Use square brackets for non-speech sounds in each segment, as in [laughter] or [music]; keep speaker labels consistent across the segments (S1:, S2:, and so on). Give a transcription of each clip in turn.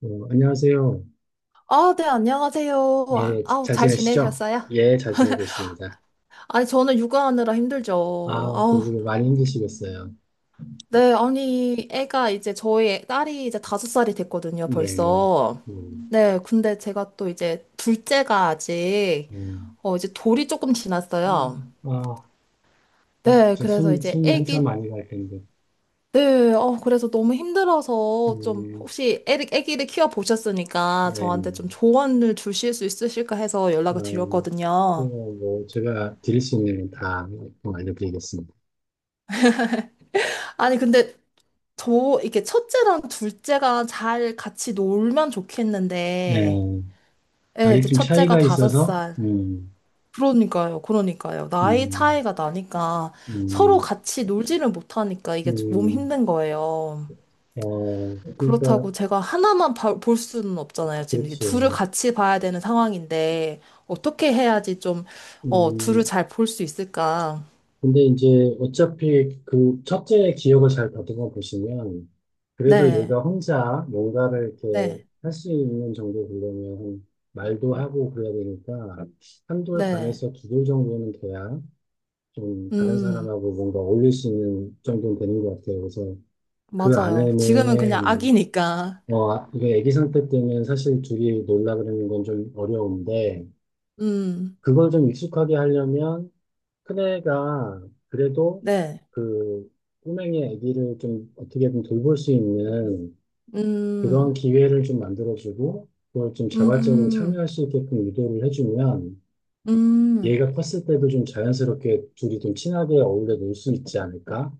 S1: 안녕하세요.
S2: 아, 네, 안녕하세요. 아,
S1: 예,
S2: 아우,
S1: 잘
S2: 잘
S1: 지내시죠?
S2: 지내셨어요?
S1: 예, 잘 지내고 있습니다.
S2: 아니, 저는 육아하느라 힘들죠. 아우,
S1: 그리고 많이 힘드시겠어요.
S2: 네, 아니, 애가 이제 저희 딸이 이제 다섯 살이 됐거든요,
S1: 네, 네.
S2: 벌써.
S1: 음,
S2: 네, 근데 제가 또 이제 둘째가 아직,
S1: 음.
S2: 이제 돌이 조금 지났어요.
S1: 아,
S2: 네,
S1: 진짜
S2: 그래서 이제
S1: 숨이 한참
S2: 애기,
S1: 많이 갈 텐데.
S2: 네, 그래서 너무 힘들어서 좀
S1: 음,
S2: 혹시 애기를 키워보셨으니까
S1: 네, 네.
S2: 저한테 좀 조언을 주실 수 있으실까 해서
S1: 아,
S2: 연락을 드렸거든요.
S1: 뭐, 제가 드릴 수 있는 건다 알려드리겠습니다.
S2: 아니, 근데 저 이렇게 첫째랑 둘째가 잘 같이 놀면
S1: 네,
S2: 좋겠는데, 예,
S1: 아직
S2: 이제
S1: 좀
S2: 첫째가
S1: 차이가
S2: 다섯
S1: 있어서,
S2: 살. 그러니까요, 그러니까요. 나이
S1: 음,
S2: 차이가 나니까 서로
S1: 음,
S2: 같이 놀지를 못하니까 이게 몸
S1: 음,
S2: 힘든 거예요.
S1: 그러니까,
S2: 그렇다고 제가 하나만 볼 수는 없잖아요. 지금 이게
S1: 그렇죠.
S2: 둘을 같이 봐야 되는 상황인데, 어떻게 해야지 좀, 둘을
S1: 음,
S2: 잘 볼 수 있을까?
S1: 근데 이제 어차피 그 첫째 기억을 잘 다듬어 보시면 그래도
S2: 네,
S1: 얘가 혼자 뭔가를 이렇게
S2: 네,
S1: 할 수 있는 정도 되려면 한 말도 하고 그래야 되니까 한 돌
S2: 네.
S1: 반에서 두 돌 정도는 돼야 좀 다른
S2: 음,
S1: 사람하고 뭔가 어울릴 수 있는 정도는 되는 것 같아요. 그래서 그
S2: 맞아요. 지금은 그냥
S1: 안에는
S2: 아기니까.
S1: 이게 아기 상태 때는 사실 둘이 놀라 그러는 건 좀 어려운데,
S2: 음.
S1: 그걸 좀 익숙하게 하려면 큰애가 그래도
S2: 네.
S1: 그 꼬맹이 아기를 좀 어떻게 든 돌볼 수 있는 그런
S2: 음,
S1: 기회를 좀 만들어주고 그걸 좀 자발적으로
S2: 음,
S1: 참여할 수 있게끔 유도를 해주면
S2: 음.
S1: 얘가 컸을 때도 좀 자연스럽게 둘이 좀 친하게 어울려 놀 수 있지 않을까?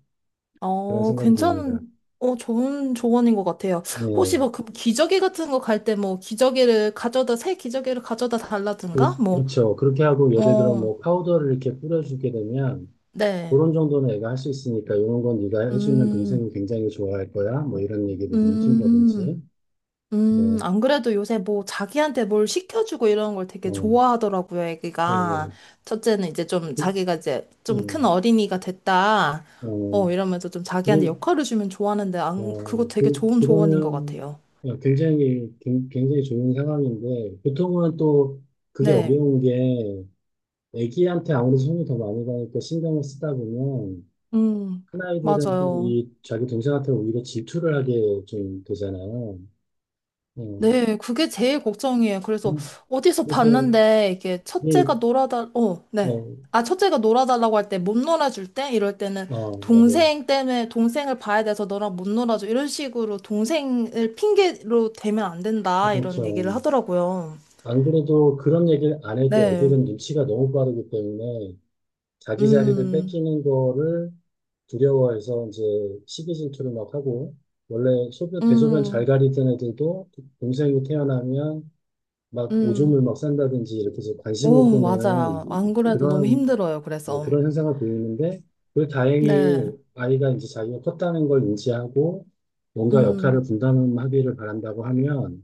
S1: 그런 생각이
S2: 괜찮은,
S1: 듭니다.
S2: 좋은 조언인 것 같아요. 혹시
S1: 네.
S2: 뭐, 그 기저귀 같은 거 갈 때 뭐, 기저귀를 가져다, 새 기저귀를 가져다 달라든가? 뭐,
S1: 그렇죠. 그렇게 하고 예를 들어
S2: 어,
S1: 뭐 파우더를 이렇게 뿌려주게 되면
S2: 네.
S1: 그런 정도는 애가 할 수 있으니까 이런 건 네가 해주면
S2: 음,
S1: 동생이 굉장히 좋아할 거야. 뭐 이런 얘기를 좀
S2: 음.
S1: 해준다든지. 뭐,
S2: 안 그래도 요새 뭐 자기한테 뭘 시켜주고 이런 걸 되게
S1: 어,
S2: 좋아하더라고요,
S1: 어,
S2: 애기가. 첫째는 이제 좀
S1: 그,
S2: 자기가 이제
S1: 어,
S2: 좀 큰 어린이가 됐다.
S1: 어,
S2: 이러면서 좀 자기한테
S1: 그,
S2: 역할을 주면 좋아하는데, 안, 그거 되게 좋은 조언인 것
S1: 그러면
S2: 같아요.
S1: 굉장히, 굉장히 좋은 상황인데, 보통은 또 그게
S2: 네.
S1: 어려운 게, 애기한테 아무래도 손이 더 많이 가니까 신경을 쓰다 보면,
S2: 음,
S1: 큰아이들은 또
S2: 맞아요.
S1: 자기 동생한테 오히려 질투를 하게 좀 되잖아요. 어,
S2: 네, 그게 제일 걱정이에요. 그래서
S1: 음,
S2: 어디서
S1: 그래서,
S2: 봤는데 이게 첫째가
S1: 이,
S2: 어, 네.
S1: 어,
S2: 아, 첫째가 놀아달라고 할 때, 못 놀아줄 때? 이럴 때는
S1: 맞아요.
S2: 동생 때문에 동생을 봐야 돼서 너랑 못 놀아줘. 이런 식으로 동생을 핑계로 대면 안 된다. 이런 얘기를
S1: 그렇죠.
S2: 하더라고요.
S1: 안 그래도 그런 얘기를 안 해도
S2: 네.
S1: 애들은 눈치가 너무 빠르기 때문에, 자기 자리를
S2: 음,
S1: 뺏기는 거를 두려워해서 이제 시기 질투를 막 하고 원래 소변 대소변 잘
S2: 음,
S1: 가리던 애들도 동생이 태어나면 막 오줌을
S2: 음.
S1: 막 싼다든지 이렇게 해서 관심을
S2: 오,
S1: 끄는
S2: 맞아요. 안 그래도 너무
S1: 그런,
S2: 힘들어요.
S1: 네,
S2: 그래서.
S1: 그런 현상을 보이는데 그 다행히
S2: 네.
S1: 아이가 이제 자기가 컸다는 걸 인지하고 뭔가 역할을
S2: 음,
S1: 분담하기를 바란다고 하면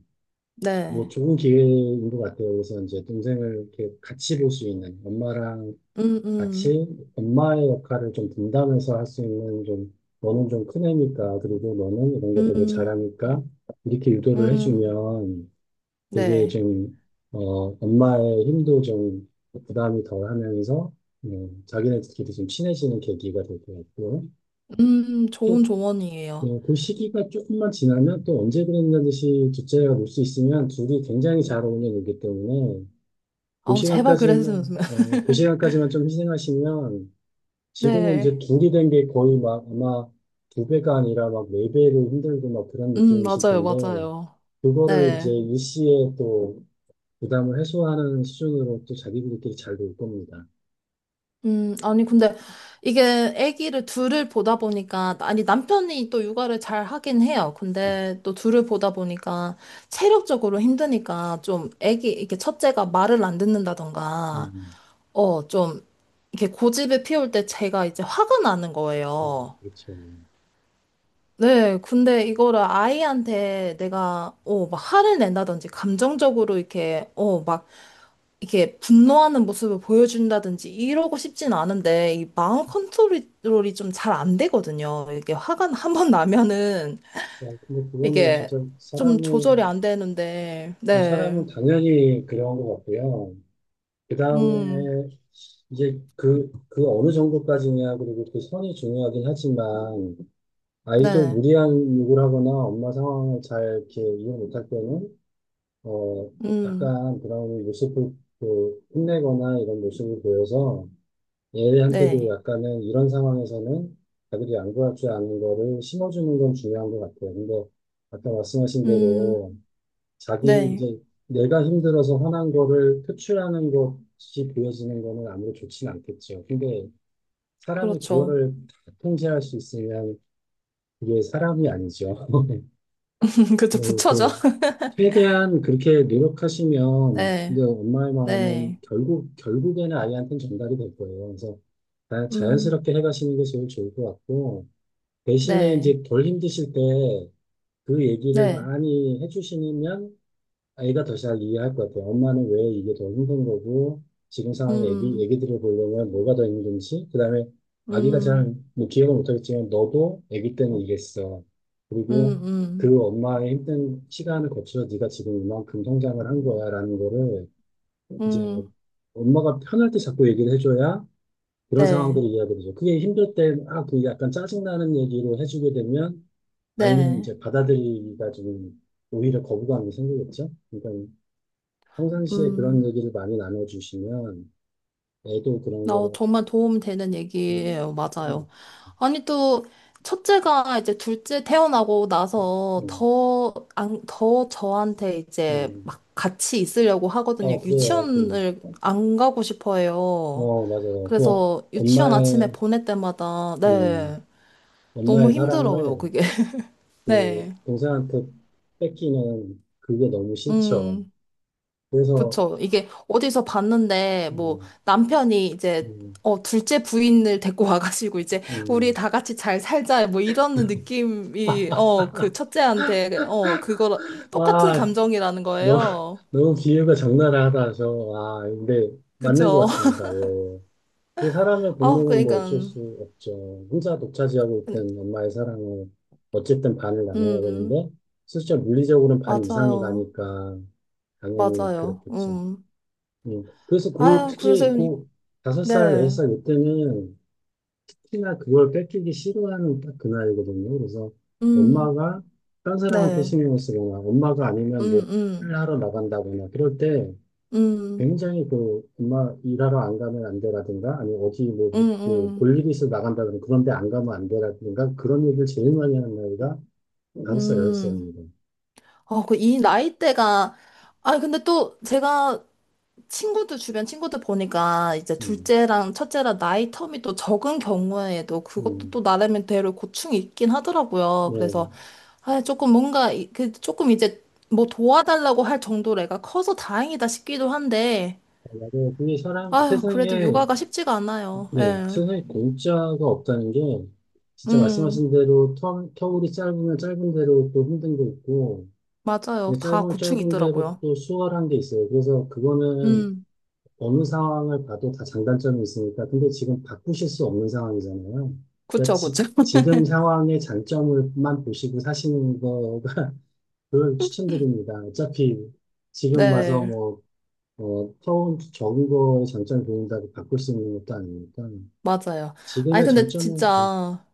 S1: 뭐
S2: 네.
S1: 좋은 기회인 것 같아요. 그래서 이제 동생을 이렇게 같이 볼 수 있는 엄마랑
S2: 음, 음,
S1: 같이 엄마의 역할을 좀 분담해서 할 수 있는, 좀 너는 좀 큰 애니까 그리고 너는 이런 게 되게
S2: 음,
S1: 잘하니까 이렇게 유도를
S2: 음.
S1: 해주면 되게
S2: 네.
S1: 좀 엄마의 힘도 좀 부담이 덜 하면서 자기네들끼리 좀 친해지는 계기가 될 것 같고, 또
S2: 좋은 조언이에요.
S1: 그 시기가 조금만 지나면 또 언제 그랬냐 듯이 둘째가 놀 수 있으면 둘이 굉장히 잘 어울려 놀기 때문에,
S2: 아우, 제발 그랬으면. [laughs] 좋겠-
S1: 그 시간까지만 좀 희생하시면, 지금은 이제
S2: 네.
S1: 둔기된 게 거의 막 아마 두 배가 아니라 막 네 배로 힘들고 막 그런 느낌이실
S2: 맞아요,
S1: 텐데,
S2: 맞아요.
S1: 그거를 이제
S2: 네.
S1: 일시에 또 부담을 해소하는 수준으로 또 자기들끼리 잘 놀 겁니다.
S2: 아니, 근데 이게 아기를 둘을 보다 보니까, 아니, 남편이 또 육아를 잘 하긴 해요.
S1: 음,
S2: 근데 또 둘을 보다 보니까 체력적으로 힘드니까 좀 아기, 이렇게 첫째가 말을 안 듣는다던가,
S1: 음.
S2: 좀 이렇게 고집을 피울 때 제가 이제 화가 나는
S1: 어,
S2: 거예요.
S1: 그렇죠.
S2: 네, 근데 이거를 아이한테 내가, 막 화를 낸다든지, 감정적으로 이렇게, 막, 이렇게 분노하는 모습을 보여준다든지, 이러고 싶진 않은데, 이 마음 컨트롤이 좀 잘 안 되거든요. 이게 화가 한 번 나면은,
S1: 근데 그거는
S2: 이게
S1: 진짜
S2: 좀 조절이
S1: 사람은,
S2: 안 되는데,
S1: 뭐
S2: 네,
S1: 사람은 당연히 그런 것 같고요. 그
S2: 음,
S1: 다음에 이제 그 어느 정도까지냐, 그리고 그 선이 중요하긴 하지만, 아이도
S2: 네,
S1: 무리한 욕을 하거나 엄마 상황을 잘 이렇게 이해 못할 때는 어
S2: 음,
S1: 약간 브라운이 모습을 혼내거나 이런 모습을 보여서 얘한테도
S2: 네,
S1: 약간은 이런 상황에서는 자기들이 안 구할 줄 아는 거를 심어주는 건 중요한 것 같아요. 근데 아까 말씀하신
S2: 음,
S1: 대로 자기
S2: 네,
S1: 이제 내가 힘들어서 화난 거를 표출하는 것이 보여지는 거는 아무리 좋진 않겠죠. 근데 사람이
S2: 그렇죠.
S1: 그거를 다 통제할 수 있으면 이게 사람이 아니죠. [laughs]
S2: [laughs] 그렇죠,
S1: 뭐
S2: 부처죠.
S1: 이렇게
S2: [laughs]
S1: 최대한 그렇게 노력하시면 이제
S2: 네,
S1: 엄마의 마음은
S2: 네,
S1: 결국에는 아이한테는 전달이 될 거예요. 그래서
S2: 음,
S1: 자연스럽게 해가시는 게 제일 좋을 것 같고, 대신에
S2: 네,
S1: 이제 덜 힘드실 때 그 얘기를
S2: 네.
S1: 많이 해주시면 아이가 더 잘 이해할 것 같아요. 엄마는 왜 이게 더 힘든 거고, 지금 상황에
S2: 음,
S1: 애기들을 보려면 뭐가 더 힘든지, 그 다음에 아기가
S2: 음,
S1: 잘, 뭐 기억을 못하겠지만, 너도 애기 때는 이랬어.
S2: 음,
S1: 그리고
S2: 음,
S1: 그 엄마의 힘든 시간을 거쳐 네가 지금 이만큼 성장을 한 거야라는 거를 이제
S2: 음,
S1: 엄마가 편할 때 자꾸 얘기를 해줘야 그런
S2: 네,
S1: 상황들을 이해하게 되죠. 그게 힘들 때, 그 약간 짜증나는 얘기로 해주게 되면 아이는
S2: 네,
S1: 이제 받아들이기가 좀 오히려 거부감이 생기겠죠. 그러니까 평상시에 그런
S2: 음,
S1: 얘기를 많이 나눠주시면 애도 그런 거를
S2: 정말 도움 되는
S1: 뭐,
S2: 얘기예요.
S1: 음,
S2: 맞아요. 아니, 또, 첫째가 이제 둘째 태어나고 나서
S1: 음,
S2: 더, 안, 더 저한테 이제
S1: 음.
S2: 막 같이 있으려고 하거든요.
S1: 그래요.
S2: 유치원을 안 가고 싶어 해요.
S1: 그어 맞아요.
S2: 그래서 유치원 아침에
S1: 엄마의
S2: 보낼 때마다,
S1: 음,
S2: 네, 너무
S1: 엄마의
S2: 힘들어요,
S1: 사랑을
S2: 그게. [laughs] 네,
S1: 그 동생한테 뺏기는 그게 너무 싫죠.
S2: 음.
S1: 그래서.
S2: 그쵸. 이게 어디서 봤는데, 뭐,
S1: 음,
S2: 남편이 이제,
S1: 음,
S2: 둘째 부인을 데리고 와가지고, 이제, 우리
S1: 음.
S2: 다 같이 잘 살자, 뭐, 이런 느낌이, 그 첫째한테, 그거, 똑같은
S1: 아
S2: 감정이라는
S1: 너무 [laughs]
S2: 거예요.
S1: 너무 비유가 적나라하다. 근데 맞는 것
S2: 그쵸. [laughs]
S1: 같습니다 어. 그 사람의
S2: 아,
S1: 본능은 뭐
S2: 그러니까,
S1: 어쩔 수 없죠. 혼자 독차지하고 있던 엄마의 사랑을 어쨌든 반을 나눠야
S2: 음,
S1: 되는데, 실제 물리적으로는 반 이상이
S2: 맞아요.
S1: 가니까 당연히
S2: 맞아요.
S1: 그렇겠죠.
S2: 음.
S1: 음. 그래서
S2: 아, 그래서,
S1: 특히 그 다섯 살,
S2: 네.
S1: 여섯 살 이때는 특히나 그걸 뺏기기 싫어하는 딱 그 나이거든요. 그래서
S2: 음,
S1: 엄마가 딴 사람한테
S2: 네.
S1: 신경을 쓰거나 엄마가
S2: 음,
S1: 아니면 뭐
S2: 음,
S1: 일하러 나간다거나 그럴 때
S2: 음,
S1: 굉장히 그 엄마 일하러 안 가면 안 돼라든가 아니 어디 뭐,
S2: 음,
S1: 뭐
S2: 음,
S1: 볼일 이 있어 나간다든가 그런데 안 가면 안 돼라든가 그런 얘기를 제일 많이 하는 나이가 다섯 살, 여섯
S2: 음.
S1: 살입니다.
S2: 그 이 나이대가, 아, 근데 또 제가 친구들, 주변 친구들 보니까 이제
S1: 음,
S2: 둘째랑 첫째랑 나이 텀이 또 적은 경우에도 그것도
S1: 음,
S2: 또 나름대로 고충이 있긴 하더라고요. 그래서,
S1: 예.
S2: 아, 조금 뭔가, 그 조금 이제 뭐 도와달라고 할 정도로 애가 커서 다행이다 싶기도 한데,
S1: 만약에 이 사람,
S2: 아유, 그래도
S1: 세상에,
S2: 육아가 쉽지가 않아요.
S1: 네,
S2: 예.
S1: 세상에 공짜가 없다는 게 진짜
S2: 음,
S1: 말씀하신 대로 터울이 짧으면 짧은 대로 또 힘든 게 있고,
S2: 맞아요.
S1: 근데
S2: 다
S1: 짧으면
S2: 고충이
S1: 짧은 대로
S2: 있더라고요.
S1: 또 수월한 게 있어요. 그래서 그거는
S2: 음,
S1: 어느 상황을 봐도 다 장단점이 있으니까. 근데 지금 바꾸실 수 없는 상황이잖아요. 그러니까
S2: 그쵸, 그쵸. [laughs]
S1: 지, 금 상황의 장점을만 보시고 사시는 거가 [laughs] 그걸 추천드립니다. 어차피 지금 와서
S2: 네,
S1: 뭐, 처음 적은 거의 장점을 보인다고 바꿀 수 있는 것도 아니니까.
S2: 맞아요. 아니,
S1: 지금의
S2: 근데
S1: 장점은,
S2: 진짜.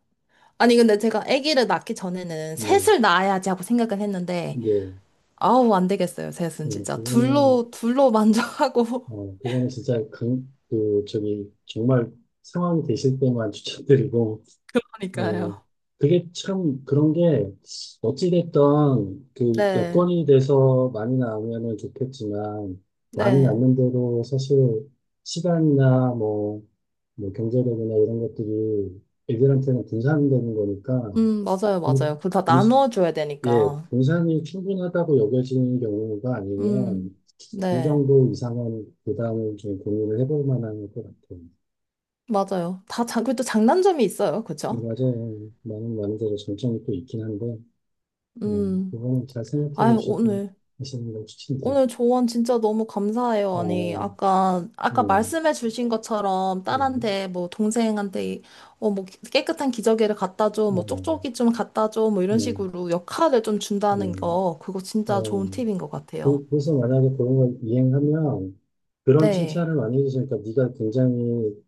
S2: 아니, 근데 제가 아기를 낳기 전에는
S1: 뭐,
S2: 셋을 낳아야지 하고 생각은 했는데,
S1: 네,
S2: 아우, 안 되겠어요, 셋은
S1: 네,
S2: 진짜. 둘로, 둘로 만족하고. [laughs]
S1: 그거는 진짜 저기, 정말 상황이 되실 때만 [laughs] 추천드리고, 네,
S2: 그러니까요.
S1: 그게 참 그런 게 어찌됐던 그
S2: 네,
S1: 여건이 돼서 많이 나오면은 좋겠지만, 많이
S2: 네.
S1: 낳는 대로 사실 시간이나 뭐 경제력이나 이런 것들이 애들한테는 분산되는 거니까
S2: 맞아요,
S1: 분,
S2: 맞아요. 그거 다
S1: 분,
S2: 나눠줘야
S1: 예,
S2: 되니까.
S1: 분산이 충분하다고 여겨지는 경우가
S2: 음,
S1: 아니면 이
S2: 네.
S1: 정도 이상은 부담을 좀 고민을 해볼 만한 것 같아요.
S2: 맞아요. 다, 자, 그래도 장단점이 있어요. 그죠?
S1: 맞아요. 많은 데로 장점이 또 있긴 한데
S2: 음.
S1: 그거는 잘 생각해
S2: 아유,
S1: 보시고
S2: 오늘.
S1: 하시는 걸 추천드립니다.
S2: 오늘 조언 진짜 너무 감사해요. 아니,
S1: 어,
S2: 아까
S1: 음,
S2: 말씀해 주신 것처럼
S1: 음,
S2: 딸한테, 뭐, 동생한테, 뭐, 깨끗한 기저귀를 갖다 줘,
S1: 어,
S2: 뭐, 쪽쪽이 좀 갖다 줘, 뭐, 이런
S1: 음,
S2: 식으로 역할을 좀 준다는
S1: 음,
S2: 거, 그거 진짜
S1: 어.
S2: 좋은 팁인 것 같아요.
S1: 그래서 만약에 그런 걸 이행하면 그런
S2: 네.
S1: 칭찬을 많이 해주시니까 네가 굉장히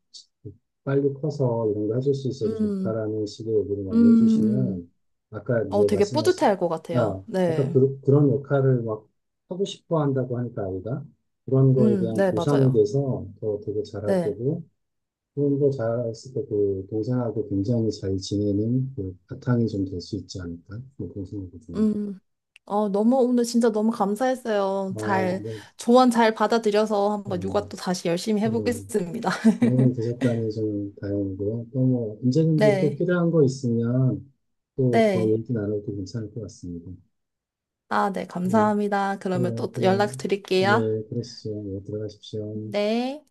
S1: 빨리 커서 이런 거 해줄 수 있어서
S2: 음,
S1: 좋다라는 식의 얘기를 많이
S2: 음,
S1: 해주시면 아까 이제
S2: 되게 뿌듯해
S1: 말씀하신,
S2: 할 것 같아요.
S1: 아까
S2: 네.
S1: 그런 역할을 막 하고 싶어 한다고 하니까 아이가 그런 거에 대한
S2: 네,
S1: 보상이
S2: 맞아요.
S1: 돼서 더 되게 잘할
S2: 네.
S1: 거고 혼자 자랐을 때 그 동생하고 굉장히 잘 지내는 그 바탕이 좀 될 수 있지 않을까? 뭐 그런 생각이 드네요.
S2: 음, 너무, 오늘 진짜 너무 감사했어요.
S1: 어,
S2: 잘,
S1: 네.
S2: 조언 잘 받아들여서 한번
S1: 어,
S2: 육아 또 다시 열심히
S1: 예.
S2: 해보겠습니다.
S1: 도움이
S2: [laughs]
S1: 되셨다니 좀 다행이고요. 또 뭐, 언제든지 또
S2: 네,
S1: 필요한 거 있으면 또 더
S2: 네.
S1: 얘기 나눠도 괜찮을 것 같습니다.
S2: 아, 네,
S1: 예,
S2: 감사합니다. 그러면
S1: 그래요.
S2: 또
S1: 또,
S2: 연락 드릴게요.
S1: 예, 그러시죠. 예, 들어가십시오.
S2: 네.